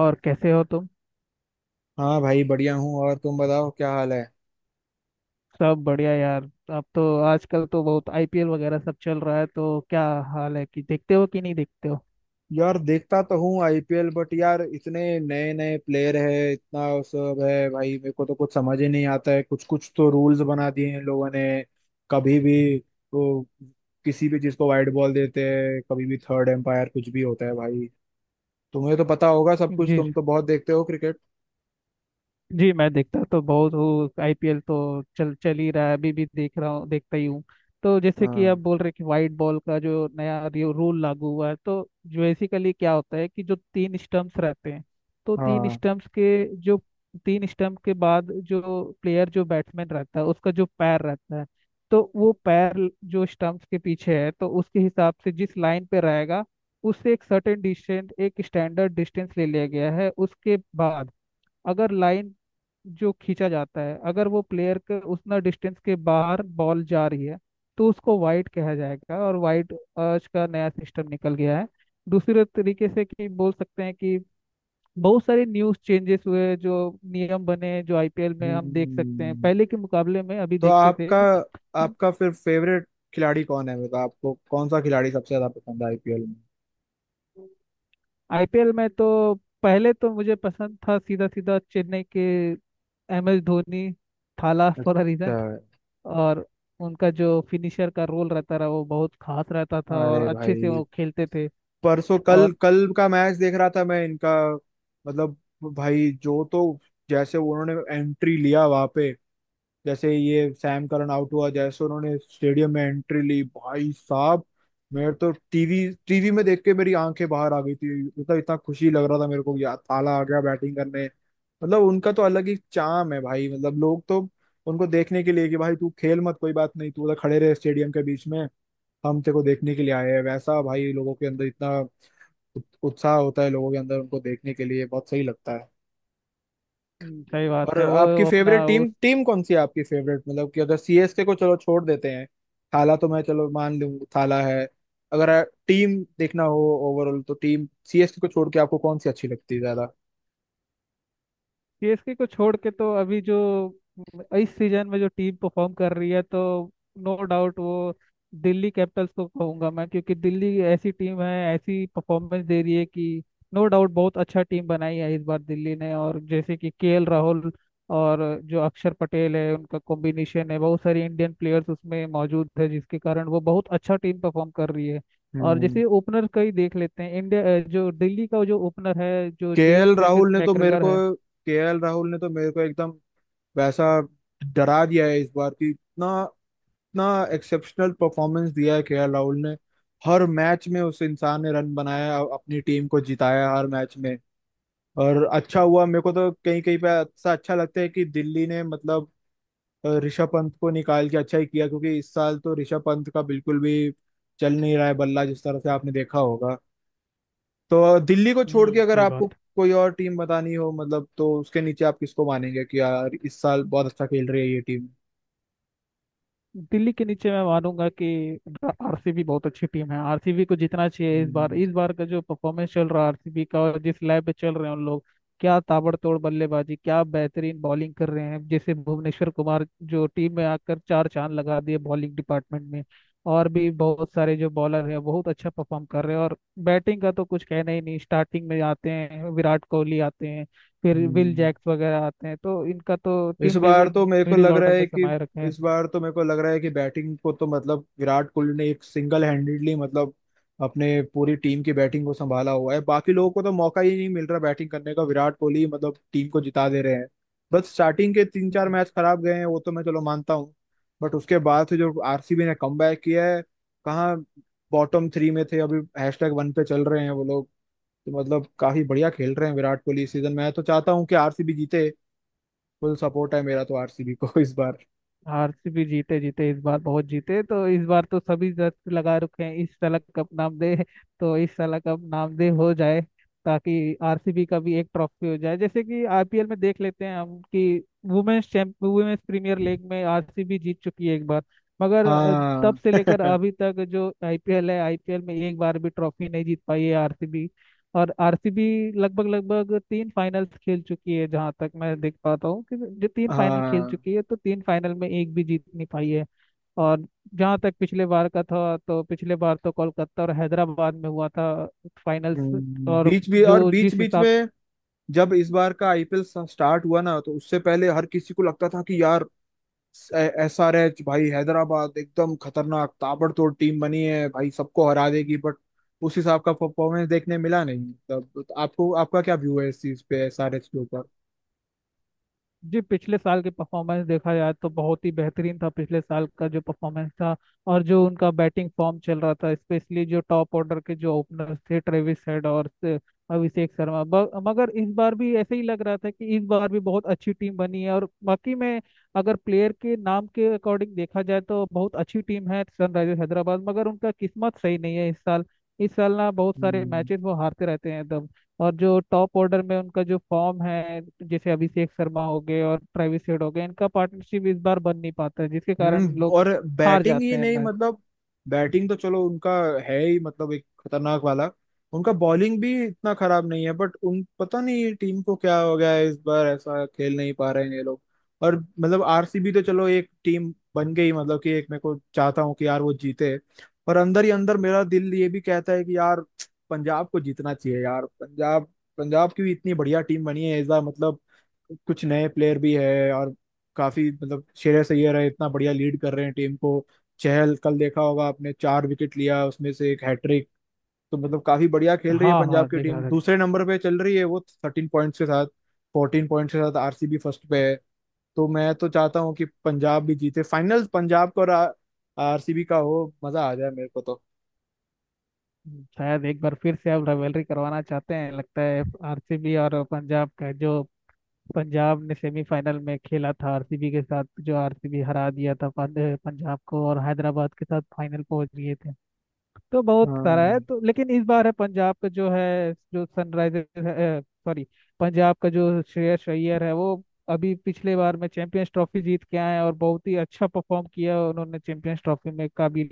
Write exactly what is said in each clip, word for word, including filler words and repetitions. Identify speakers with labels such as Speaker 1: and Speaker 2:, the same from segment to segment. Speaker 1: और कैसे हो तुम।
Speaker 2: हाँ भाई, बढ़िया हूँ। और तुम बताओ, क्या हाल है?
Speaker 1: सब बढ़िया यार। अब तो आजकल तो बहुत आईपीएल वगैरह सब चल रहा है, तो क्या हाल है कि देखते हो कि नहीं देखते हो?
Speaker 2: यार देखता तो हूँ आईपीएल, बट यार इतने नए नए प्लेयर है, इतना सब है भाई, मेरे को तो कुछ समझ ही नहीं आता है। कुछ कुछ तो रूल्स बना दिए हैं लोगों ने। कभी भी वो किसी भी चीज को वाइड बॉल देते हैं, कभी भी थर्ड एम्पायर कुछ भी होता है भाई। तुम्हें तो पता होगा सब कुछ,
Speaker 1: जी
Speaker 2: तुम तो बहुत देखते हो क्रिकेट।
Speaker 1: जी, मैं देखता तो बहुत हूँ। आईपीएल तो चल चल ही रहा है, अभी भी देख रहा हूँ, देखता ही हूँ। तो जैसे कि आप
Speaker 2: हाँ।
Speaker 1: बोल रहे कि वाइट बॉल का जो नया रूल लागू हुआ है, तो बेसिकली क्या होता है कि जो तीन स्टंप्स रहते हैं, तो तीन
Speaker 2: हाँ।
Speaker 1: स्टंप्स के जो तीन स्टंप के बाद जो प्लेयर जो बैट्समैन रहता है, उसका जो पैर रहता है, तो वो पैर जो स्टंप्स के पीछे है, तो उसके हिसाब से जिस लाइन पे रहेगा, उससे एक सर्टेन डिस्टेंस एक स्टैंडर्ड डिस्टेंस ले लिया गया है। उसके बाद अगर लाइन जो खींचा जाता है, अगर वो प्लेयर के उतना डिस्टेंस के बाहर बॉल जा रही है, तो उसको वाइड कहा जाएगा। और वाइड आज का नया सिस्टम निकल गया है, दूसरे तरीके से कि बोल सकते हैं कि बहुत सारे न्यूज चेंजेस हुए, जो नियम बने जो आईपीएल में हम देख सकते हैं
Speaker 2: हम्म।
Speaker 1: पहले के मुकाबले में, अभी
Speaker 2: तो
Speaker 1: देखते थे
Speaker 2: आपका
Speaker 1: कि।
Speaker 2: आपका फिर फेवरेट खिलाड़ी कौन है? मतलब आपको कौन सा खिलाड़ी सबसे ज्यादा पसंद है आईपीएल?
Speaker 1: आईपीएल में तो पहले तो मुझे पसंद था सीधा सीधा चेन्नई के M S Dhoni. Thala for a
Speaker 2: अच्छा।
Speaker 1: रीजन। और उनका जो फिनिशर का रोल रहता रहा, वो बहुत खास रहता था और
Speaker 2: अरे
Speaker 1: अच्छे से
Speaker 2: भाई,
Speaker 1: वो खेलते थे।
Speaker 2: परसों कल
Speaker 1: और
Speaker 2: कल का मैच देख रहा था मैं इनका। मतलब भाई जो तो, जैसे उन्होंने एंट्री लिया वहां पे, जैसे ये सैम करन आउट हुआ, जैसे उन्होंने स्टेडियम में एंट्री ली भाई साहब, मेरे तो टीवी टीवी में देख के मेरी आंखें बाहर आ गई थी। मतलब इतना खुशी लग रहा था मेरे को यार, ताला आ गया बैटिंग करने। मतलब उनका तो अलग ही चाम है भाई। मतलब लोग तो उनको देखने के लिए, कि भाई तू खेल मत कोई बात नहीं, तू उधर खड़े रहे स्टेडियम के बीच में, हम तेरे को देखने के लिए आए हैं, वैसा भाई लोगों के अंदर इतना उत- उत्साह होता है लोगों के अंदर उनको देखने के लिए, बहुत सही लगता है।
Speaker 1: हम्म, सही
Speaker 2: और
Speaker 1: बात है, वो
Speaker 2: आपकी
Speaker 1: अपना
Speaker 2: फेवरेट टीम
Speaker 1: उस।
Speaker 2: टीम कौन सी है? आपकी फेवरेट मतलब कि, अगर सीएसके को चलो छोड़ देते हैं, थाला तो मैं चलो मान लूं, थाला है। अगर टीम देखना हो ओवरऑल, तो टीम सीएसके को छोड़ के आपको कौन सी अच्छी लगती है ज्यादा?
Speaker 1: सीएसके को छोड़ के तो अभी जो इस सीजन में जो टीम परफॉर्म कर रही है, तो नो डाउट वो दिल्ली कैपिटल्स को कहूंगा मैं, क्योंकि दिल्ली ऐसी टीम है, ऐसी परफॉर्मेंस दे रही है कि नो डाउट बहुत अच्छा टीम बनाई है इस बार दिल्ली ने। और जैसे कि केएल राहुल और जो अक्षर पटेल है, उनका कॉम्बिनेशन है। बहुत सारे इंडियन प्लेयर्स उसमें मौजूद है, जिसके कारण वो बहुत अच्छा टीम परफॉर्म कर रही है। और
Speaker 2: हम्म।
Speaker 1: जैसे ओपनर का ही देख लेते हैं। इंडिया जो दिल्ली का जो ओपनर है, जो जेम्स
Speaker 2: केएल
Speaker 1: फ्रेटिस
Speaker 2: राहुल ने तो मेरे
Speaker 1: मैकग्regor
Speaker 2: को
Speaker 1: है।
Speaker 2: केएल राहुल ने तो मेरे को एकदम वैसा डरा दिया है इस बार, कि इतना इतना एक्सेप्शनल परफॉर्मेंस दिया है केएल राहुल ने। हर मैच में उस इंसान ने रन बनाया, अ- अपनी टीम को जिताया हर मैच में। और अच्छा हुआ, मेरे को तो कहीं कहीं पे ऐसा अच्छा लगता है कि दिल्ली ने, मतलब अ, ऋषभ पंत को निकाल के अच्छा ही किया। क्योंकि इस साल तो ऋषभ पंत का बिल्कुल भी चल नहीं रहा है बल्ला, जिस तरह से आपने देखा होगा। तो दिल्ली को छोड़ के
Speaker 1: हम्म,
Speaker 2: अगर
Speaker 1: सही
Speaker 2: आपको
Speaker 1: बात।
Speaker 2: कोई और टीम बतानी हो मतलब, तो उसके नीचे आप किसको मानेंगे कि यार इस साल बहुत अच्छा खेल रही है ये टीम?
Speaker 1: दिल्ली के नीचे मैं मानूंगा कि आरसीबी बहुत अच्छी टीम है, आरसीबी को जीतना चाहिए इस बार।
Speaker 2: हम्म।
Speaker 1: इस बार का जो परफॉर्मेंस चल रहा है आरसीबी का, और जिस लय पे चल रहे हैं उन लोग, क्या ताबड़तोड़ बल्लेबाजी, क्या बेहतरीन बॉलिंग कर रहे हैं! जैसे भुवनेश्वर कुमार जो टीम में आकर चार चांद लगा दिए बॉलिंग डिपार्टमेंट में। और भी बहुत सारे जो बॉलर हैं बहुत अच्छा परफॉर्म कर रहे हैं। और बैटिंग का तो कुछ कहना ही नहीं, स्टार्टिंग में आते हैं विराट कोहली, आते हैं फिर विल
Speaker 2: हम्म।
Speaker 1: जैक्स वगैरह, आते हैं तो इनका तो
Speaker 2: इस
Speaker 1: टीम
Speaker 2: बार
Speaker 1: डेविड
Speaker 2: तो मेरे को
Speaker 1: मिडिल
Speaker 2: लग रहा
Speaker 1: ऑर्डर में
Speaker 2: है कि
Speaker 1: समाये रखे हैं।
Speaker 2: इस बार तो मेरे को लग रहा है कि बैटिंग को तो, मतलब विराट कोहली ने एक सिंगल हैंडेडली मतलब अपने पूरी टीम की बैटिंग को संभाला हुआ है। बाकी लोगों को तो मौका ही नहीं मिल रहा बैटिंग करने का। विराट कोहली मतलब टीम को जिता दे रहे हैं। बस स्टार्टिंग के तीन चार मैच खराब गए हैं, वो तो मैं चलो मानता हूँ, बट उसके बाद से जो आरसीबी ने कमबैक किया है, कहाँ बॉटम थ्री में थे, अभी हैशटैग वन पे चल रहे हैं वो लोग। तो मतलब काफी बढ़िया खेल रहे हैं विराट कोहली इस सीजन। मैं तो चाहता हूँ कि आरसीबी जीते। फुल सपोर्ट है मेरा तो आरसीबी को इस बार।
Speaker 1: आरसीबी जीते, जीते इस बार बहुत जीते, तो इस बार तो सभी दस्त लगा रखे हैं। इस साल कप नाम दे, तो इस साल कप नाम दे हो जाए, ताकि आरसीबी का भी एक ट्रॉफी हो जाए। जैसे कि आईपीएल में देख लेते हैं हम कि women's champ women's premier league में आरसीबी जीत चुकी है एक बार। मगर अ, तब
Speaker 2: हाँ
Speaker 1: से लेकर अभी तक जो आईपीएल है, आईपीएल में एक बार भी ट्रॉफी नहीं जीत पाई है आरसीबी। और आरसीबी लगभग लगभग तीन फाइनल्स खेल चुकी है, जहां तक मैं देख पाता हूँ कि जो तीन फाइनल खेल
Speaker 2: हाँ।
Speaker 1: चुकी है, तो तीन फाइनल में एक भी जीत नहीं पाई है। और जहां तक पिछले बार का था, तो पिछले बार तो कोलकाता और हैदराबाद में हुआ था फाइनल्स।
Speaker 2: हम्म,
Speaker 1: और
Speaker 2: बीच भी और
Speaker 1: जो
Speaker 2: बीच
Speaker 1: जिस
Speaker 2: बीच
Speaker 1: हिसाब
Speaker 2: में जब इस बार का आईपीएल स्टार्ट हुआ ना, तो उससे पहले हर किसी को लगता था कि यार एसआरएच भाई, हैदराबाद एकदम खतरनाक ताबड़तोड़ टीम बनी है भाई, सबको हरा देगी। बट उस हिसाब का परफॉर्मेंस देखने मिला नहीं तब। तो आपको आपका क्या व्यू है इस चीज पे एसआरएच के ऊपर?
Speaker 1: जी, पिछले साल की परफॉर्मेंस देखा जाए तो बहुत ही बेहतरीन था, पिछले साल का जो परफॉर्मेंस था। और जो उनका बैटिंग फॉर्म चल रहा था, स्पेशली जो टॉप ऑर्डर के जो ओपनर्स थे, ट्रेविस हेड और से- अभिषेक शर्मा ब- मगर इस बार भी ऐसे ही लग रहा था कि इस बार भी बहुत अच्छी टीम बनी है, और बाकी में अगर प्लेयर के नाम के अकॉर्डिंग देखा जाए तो बहुत अच्छी टीम है सनराइजर्स हैदराबाद। मगर उनका किस्मत सही नहीं है इस साल। इस साल ना बहुत सारे
Speaker 2: हम्म।
Speaker 1: मैचेस वो हारते रहते हैं एकदम। और जो टॉप ऑर्डर में उनका जो फॉर्म है, जैसे अभिषेक शर्मा हो गए और ट्रेविस हेड हो गए, इनका पार्टनरशिप इस बार बन नहीं पाता है, जिसके कारण
Speaker 2: हम्म।
Speaker 1: लोग
Speaker 2: और
Speaker 1: हार
Speaker 2: बैटिंग ही
Speaker 1: जाते हैं
Speaker 2: नहीं
Speaker 1: मैच।
Speaker 2: मतलब, बैटिंग तो चलो उनका है ही मतलब एक खतरनाक वाला, उनका बॉलिंग भी इतना खराब नहीं है। बट उन पता नहीं टीम को क्या हो गया है इस बार, ऐसा खेल नहीं पा रहे हैं ये लोग। और मतलब आरसीबी तो चलो एक टीम बन गई, मतलब कि एक मेरे को चाहता हूँ कि यार वो जीते। पर अंदर ही अंदर मेरा दिल ये भी कहता है कि यार पंजाब को जीतना चाहिए। यार पंजाब, पंजाब की भी इतनी बढ़िया टीम बनी है इस बार। मतलब कुछ नए प्लेयर भी है, और काफी मतलब श्रेयस अय्यर है, इतना बढ़िया लीड कर रहे हैं टीम को। चहल कल देखा होगा आपने, चार विकेट लिया उसमें से एक हैट्रिक। तो मतलब काफी बढ़िया खेल रही है
Speaker 1: हाँ
Speaker 2: पंजाब
Speaker 1: हाँ,
Speaker 2: की
Speaker 1: देखा
Speaker 2: टीम,
Speaker 1: था।
Speaker 2: दूसरे नंबर पे चल रही है वो थर्टीन पॉइंट्स के साथ। फोर्टीन पॉइंट्स के साथ आरसीबी फर्स्ट पे है। तो मैं तो चाहता हूँ कि पंजाब भी जीते। फाइनल पंजाब का और आरसीबी का हो, मजा आ जाए मेरे को तो।
Speaker 1: शायद एक बार फिर से अब राइवलरी करवाना चाहते हैं, लगता है। आरसीबी और पंजाब का जो, पंजाब ने सेमीफाइनल में खेला था आरसीबी के साथ, जो आरसीबी हरा दिया था पंज- पंजाब को, और हैदराबाद के साथ फाइनल पहुंच गए थे। तो बहुत सारा
Speaker 2: हाँ।
Speaker 1: है। तो लेकिन इस बार है पंजाब का जो है, जो सनराइजर्स सॉरी पंजाब का जो श्रेयस अय्यर है, वो अभी पिछले बार में चैंपियंस ट्रॉफी जीत के आए हैं, और बहुत ही अच्छा परफॉर्म किया उन्होंने चैंपियंस ट्रॉफी में।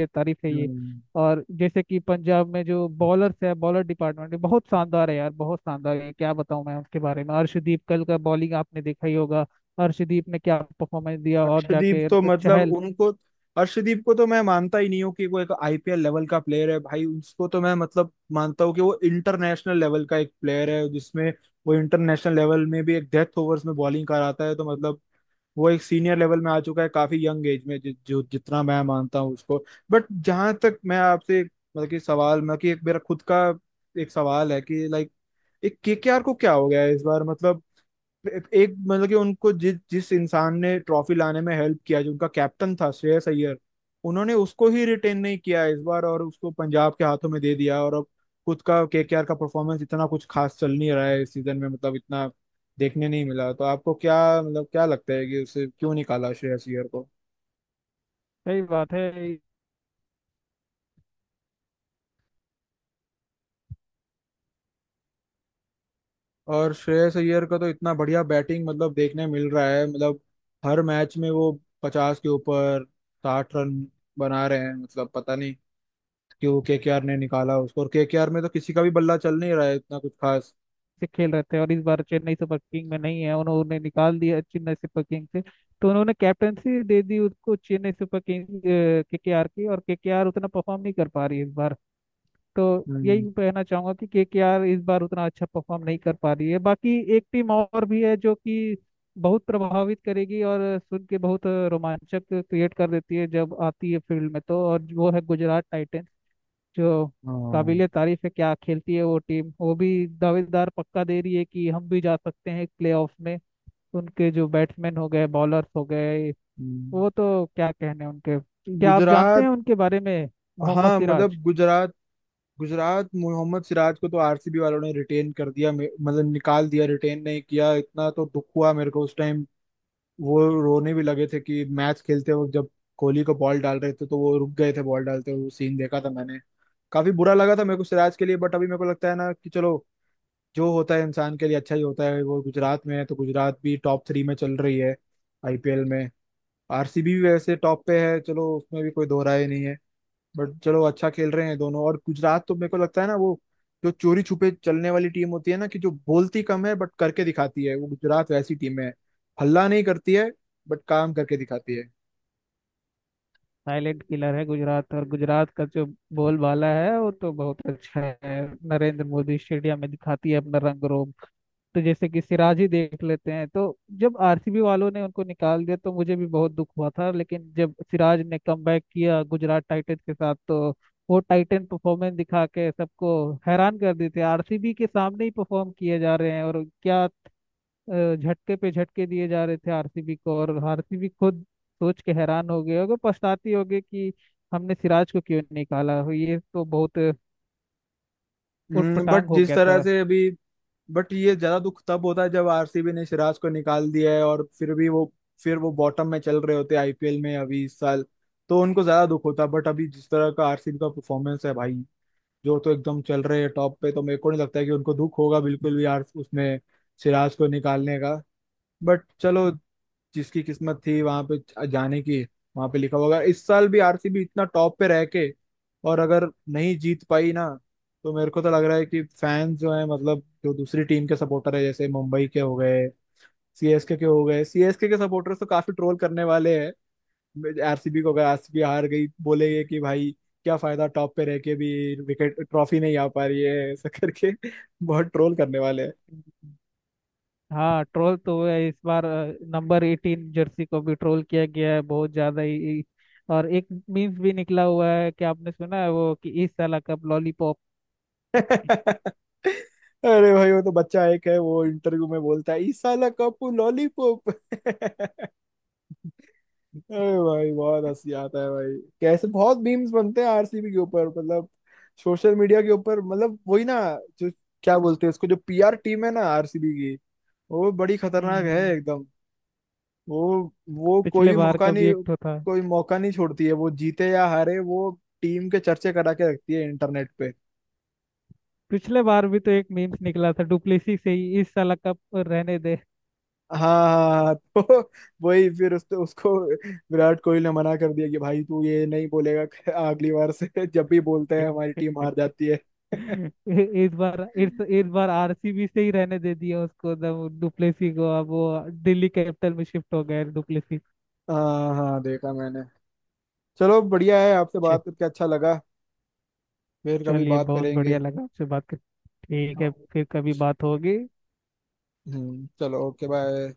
Speaker 1: ए तारीफ है ये।
Speaker 2: हम्म
Speaker 1: और जैसे कि पंजाब में जो बॉलर्स है, बॉलर डिपार्टमेंट बहुत शानदार है यार, बहुत शानदार है, क्या बताऊं मैं उसके बारे में। अर्शदीप कल का बॉलिंग आपने देखा ही होगा। अर्शदीप ने क्या परफॉर्मेंस दिया! और
Speaker 2: अर्शदीप
Speaker 1: जाके
Speaker 2: तो मतलब
Speaker 1: चहल।
Speaker 2: उनको, अर्शदीप को तो मैं मानता ही नहीं हूँ कि वो एक आईपीएल लेवल का प्लेयर है भाई। उसको तो मैं मतलब मानता हूँ कि वो इंटरनेशनल लेवल का एक प्लेयर है जिसमें वो इंटरनेशनल लेवल में भी एक डेथ ओवर्स में बॉलिंग कराता है। तो मतलब वो एक सीनियर लेवल में आ चुका है काफी यंग एज में, जि, जो जितना मैं मानता हूँ उसको। बट जहां तक मैं आपसे एक, मतलब कि सवाल मतलब कि एक मेरा खुद का एक सवाल है कि लाइक, एक केकेआर को क्या हो गया है इस बार मतलब एक एक मतलब कि उनको जिस जिस इंसान ने ट्रॉफी लाने में हेल्प किया, जो उनका कैप्टन था श्रेयस अय्यर, उन्होंने उसको ही रिटेन नहीं किया इस बार, और उसको पंजाब के हाथों में दे दिया। और अब खुद का केकेआर का परफॉर्मेंस इतना कुछ खास चल नहीं रहा है इस सीजन में, मतलब इतना देखने नहीं मिला। तो आपको क्या मतलब क्या लगता है कि उसे क्यों निकाला श्रेयस अय्यर को?
Speaker 1: सही बात है,
Speaker 2: और श्रेयस अय्यर का तो इतना बढ़िया बैटिंग मतलब देखने मिल रहा है, मतलब हर मैच में वो पचास के ऊपर साठ रन बना रहे हैं। मतलब पता नहीं क्यों केकेआर ने निकाला उसको। और केकेआर में तो किसी का भी बल्ला चल नहीं रहा है इतना कुछ खास।
Speaker 1: से खेल रहे थे, और इस बार चेन्नई सुपर किंग में नहीं है, उन्होंने निकाल दिया चेन्नई सुपर किंग से। तो उन्होंने कैप्टनसी दे दी उसको चेन्नई सुपर किंग केकेआर की, और केकेआर उतना परफॉर्म नहीं कर पा रही है इस बार। तो
Speaker 2: हम्म।
Speaker 1: यही कहना चाहूंगा कि केकेआर इस बार उतना अच्छा परफॉर्म नहीं कर पा रही है। बाकी एक टीम और भी है जो कि बहुत प्रभावित करेगी, और सुन के बहुत रोमांचक क्रिएट कर देती है जब आती है फील्ड में तो, और वो है गुजरात टाइटंस। जो
Speaker 2: हाँ।
Speaker 1: काबिलियत, तारीफ है क्या खेलती है वो टीम, वो भी दावेदार पक्का दे रही है कि हम भी जा सकते हैं प्लेऑफ में। उनके जो बैट्समैन हो गए, बॉलर्स हो गए,
Speaker 2: हम्म,
Speaker 1: वो तो, क्या कहने उनके। क्या आप जानते
Speaker 2: गुजरात।
Speaker 1: हैं उनके बारे में? मोहम्मद
Speaker 2: हाँ
Speaker 1: सिराज।
Speaker 2: मतलब गुजरात, गुजरात मोहम्मद सिराज को तो आरसीबी वालों ने रिटेन कर दिया, मे- मतलब निकाल दिया, रिटेन नहीं किया, इतना तो दुख हुआ मेरे को उस टाइम। वो रोने भी लगे थे कि मैच खेलते वक्त, जब कोहली को बॉल डाल रहे थे तो वो रुक गए थे बॉल डालते हुए, वो सीन देखा था मैंने। काफी बुरा लगा था मेरे को सिराज के लिए, बट अभी मेरे को लगता है ना कि चलो जो होता है इंसान के लिए अच्छा ही होता है। वो गुजरात में है, तो गुजरात भी टॉप थ्री में चल रही है आईपीएल में। आरसीबी भी वैसे टॉप पे है, चलो उसमें भी कोई दो राय नहीं है। बट चलो अच्छा खेल रहे हैं दोनों। और गुजरात तो मेरे को लगता है ना, वो जो चोरी छुपे चलने वाली टीम होती है ना, कि जो बोलती कम है बट करके दिखाती है, वो गुजरात वैसी टीम है। हल्ला नहीं करती है बट काम करके दिखाती है।
Speaker 1: साइलेंट किलर है गुजरात। और गुजरात का जो बोलबाला है, वो तो बहुत अच्छा है। नरेंद्र मोदी स्टेडियम में दिखाती है अपना रंग रोब। तो जैसे कि सिराज ही देख लेते हैं। तो जब आरसीबी वालों ने उनको निकाल दिया, तो मुझे भी बहुत दुख हुआ था। लेकिन जब सिराज ने कमबैक किया गुजरात टाइटंस के साथ, तो वो टाइटन परफॉर्मेंस दिखा के सबको हैरान कर देते, आरसीबी के सामने ही परफॉर्म किए जा रहे हैं, और क्या अ, झटके पे झटके दिए जा रहे थे आरसीबी को। और आरसीबी खुद सोच के हैरान हो गए होगे, पछताती होगी कि हमने सिराज को क्यों निकाला, ये तो बहुत
Speaker 2: बट
Speaker 1: उटपटांग हो
Speaker 2: जिस तरह
Speaker 1: गया
Speaker 2: से अभी, बट ये ज्यादा दुख तब होता है जब आरसीबी ने सिराज को निकाल दिया है और फिर भी वो फिर वो बॉटम में चल रहे होते हैं आईपीएल में अभी इस साल, तो उनको ज्यादा दुख होता है। बट अभी जिस तरह का आरसीबी का परफॉर्मेंस है भाई, जो तो एकदम चल रहे हैं टॉप पे, तो मेरे को नहीं लगता है कि उनको दुख होगा बिल्कुल भी यार उसमें सिराज को निकालने का। बट चलो, जिसकी किस्मत थी वहां पे जाने की, वहां पे लिखा होगा। इस साल भी आरसीबी इतना टॉप पे रह के और अगर नहीं जीत पाई ना, तो मेरे को तो लग रहा है कि फैंस जो है मतलब, जो दूसरी टीम के सपोर्टर है, जैसे मुंबई के हो गए, सीएसके के हो गए, सीएसके के सपोर्टर्स तो काफी ट्रोल करने वाले हैं आरसीबी को। अगर आरसीबी हार गई, बोलेंगे कि भाई क्या फायदा टॉप पे रह के भी, विकेट ट्रॉफी नहीं आ पा रही है, ऐसा करके बहुत ट्रोल करने वाले हैं।
Speaker 1: था। हाँ, ट्रोल तो हुआ है। इस बार नंबर एटीन जर्सी को भी ट्रोल किया गया है, बहुत ज्यादा ही। और एक मीम्स भी निकला हुआ है, कि आपने सुना है वो कि इस साल का लॉलीपॉप।
Speaker 2: अरे भाई, वो तो बच्चा एक है वो इंटरव्यू में बोलता है ई साला कपू लॉलीपॉप अरे भाई, बहुत हंसी आता है भाई। कैसे बहुत मीम्स बनते हैं आरसीबी के ऊपर, मतलब सोशल मीडिया के ऊपर, मतलब वही ना जो, क्या बोलते हैं उसको, जो पीआर टीम है ना आरसीबी की, वो बड़ी
Speaker 1: हम्म
Speaker 2: खतरनाक है
Speaker 1: हम्म।
Speaker 2: एकदम। वो वो कोई
Speaker 1: पिछले
Speaker 2: भी
Speaker 1: बार
Speaker 2: मौका
Speaker 1: का भी
Speaker 2: नहीं,
Speaker 1: एक तो था।
Speaker 2: कोई मौका नहीं छोड़ती है वो, जीते या हारे वो टीम के चर्चे करा के रखती है इंटरनेट पे।
Speaker 1: पिछले बार भी तो एक मीम्स निकला था डुप्लेसी से, ही इस साल का रहने दे।
Speaker 2: हाँ हाँ हाँ तो वही फिर उस, उसको विराट कोहली ने मना कर दिया कि भाई तू ये नहीं बोलेगा अगली बार से जब भी बोलते हैं हमारी टीम हार जाती है।
Speaker 1: इस बार इस इस बार आरसीबी से ही रहने दे दिया उसको डुप्लेसी को। अब वो दिल्ली कैपिटल में शिफ्ट हो गया डुप्लेसी।
Speaker 2: हाँ हाँ देखा मैंने। चलो बढ़िया है, आपसे बात करके अच्छा लगा। फिर कभी
Speaker 1: चलिए,
Speaker 2: बात
Speaker 1: बहुत
Speaker 2: करेंगे।
Speaker 1: बढ़िया लगा आपसे बात कर। ठीक है,
Speaker 2: हाँ।
Speaker 1: फिर कभी बात होगी।
Speaker 2: हम्म चलो, ओके बाय।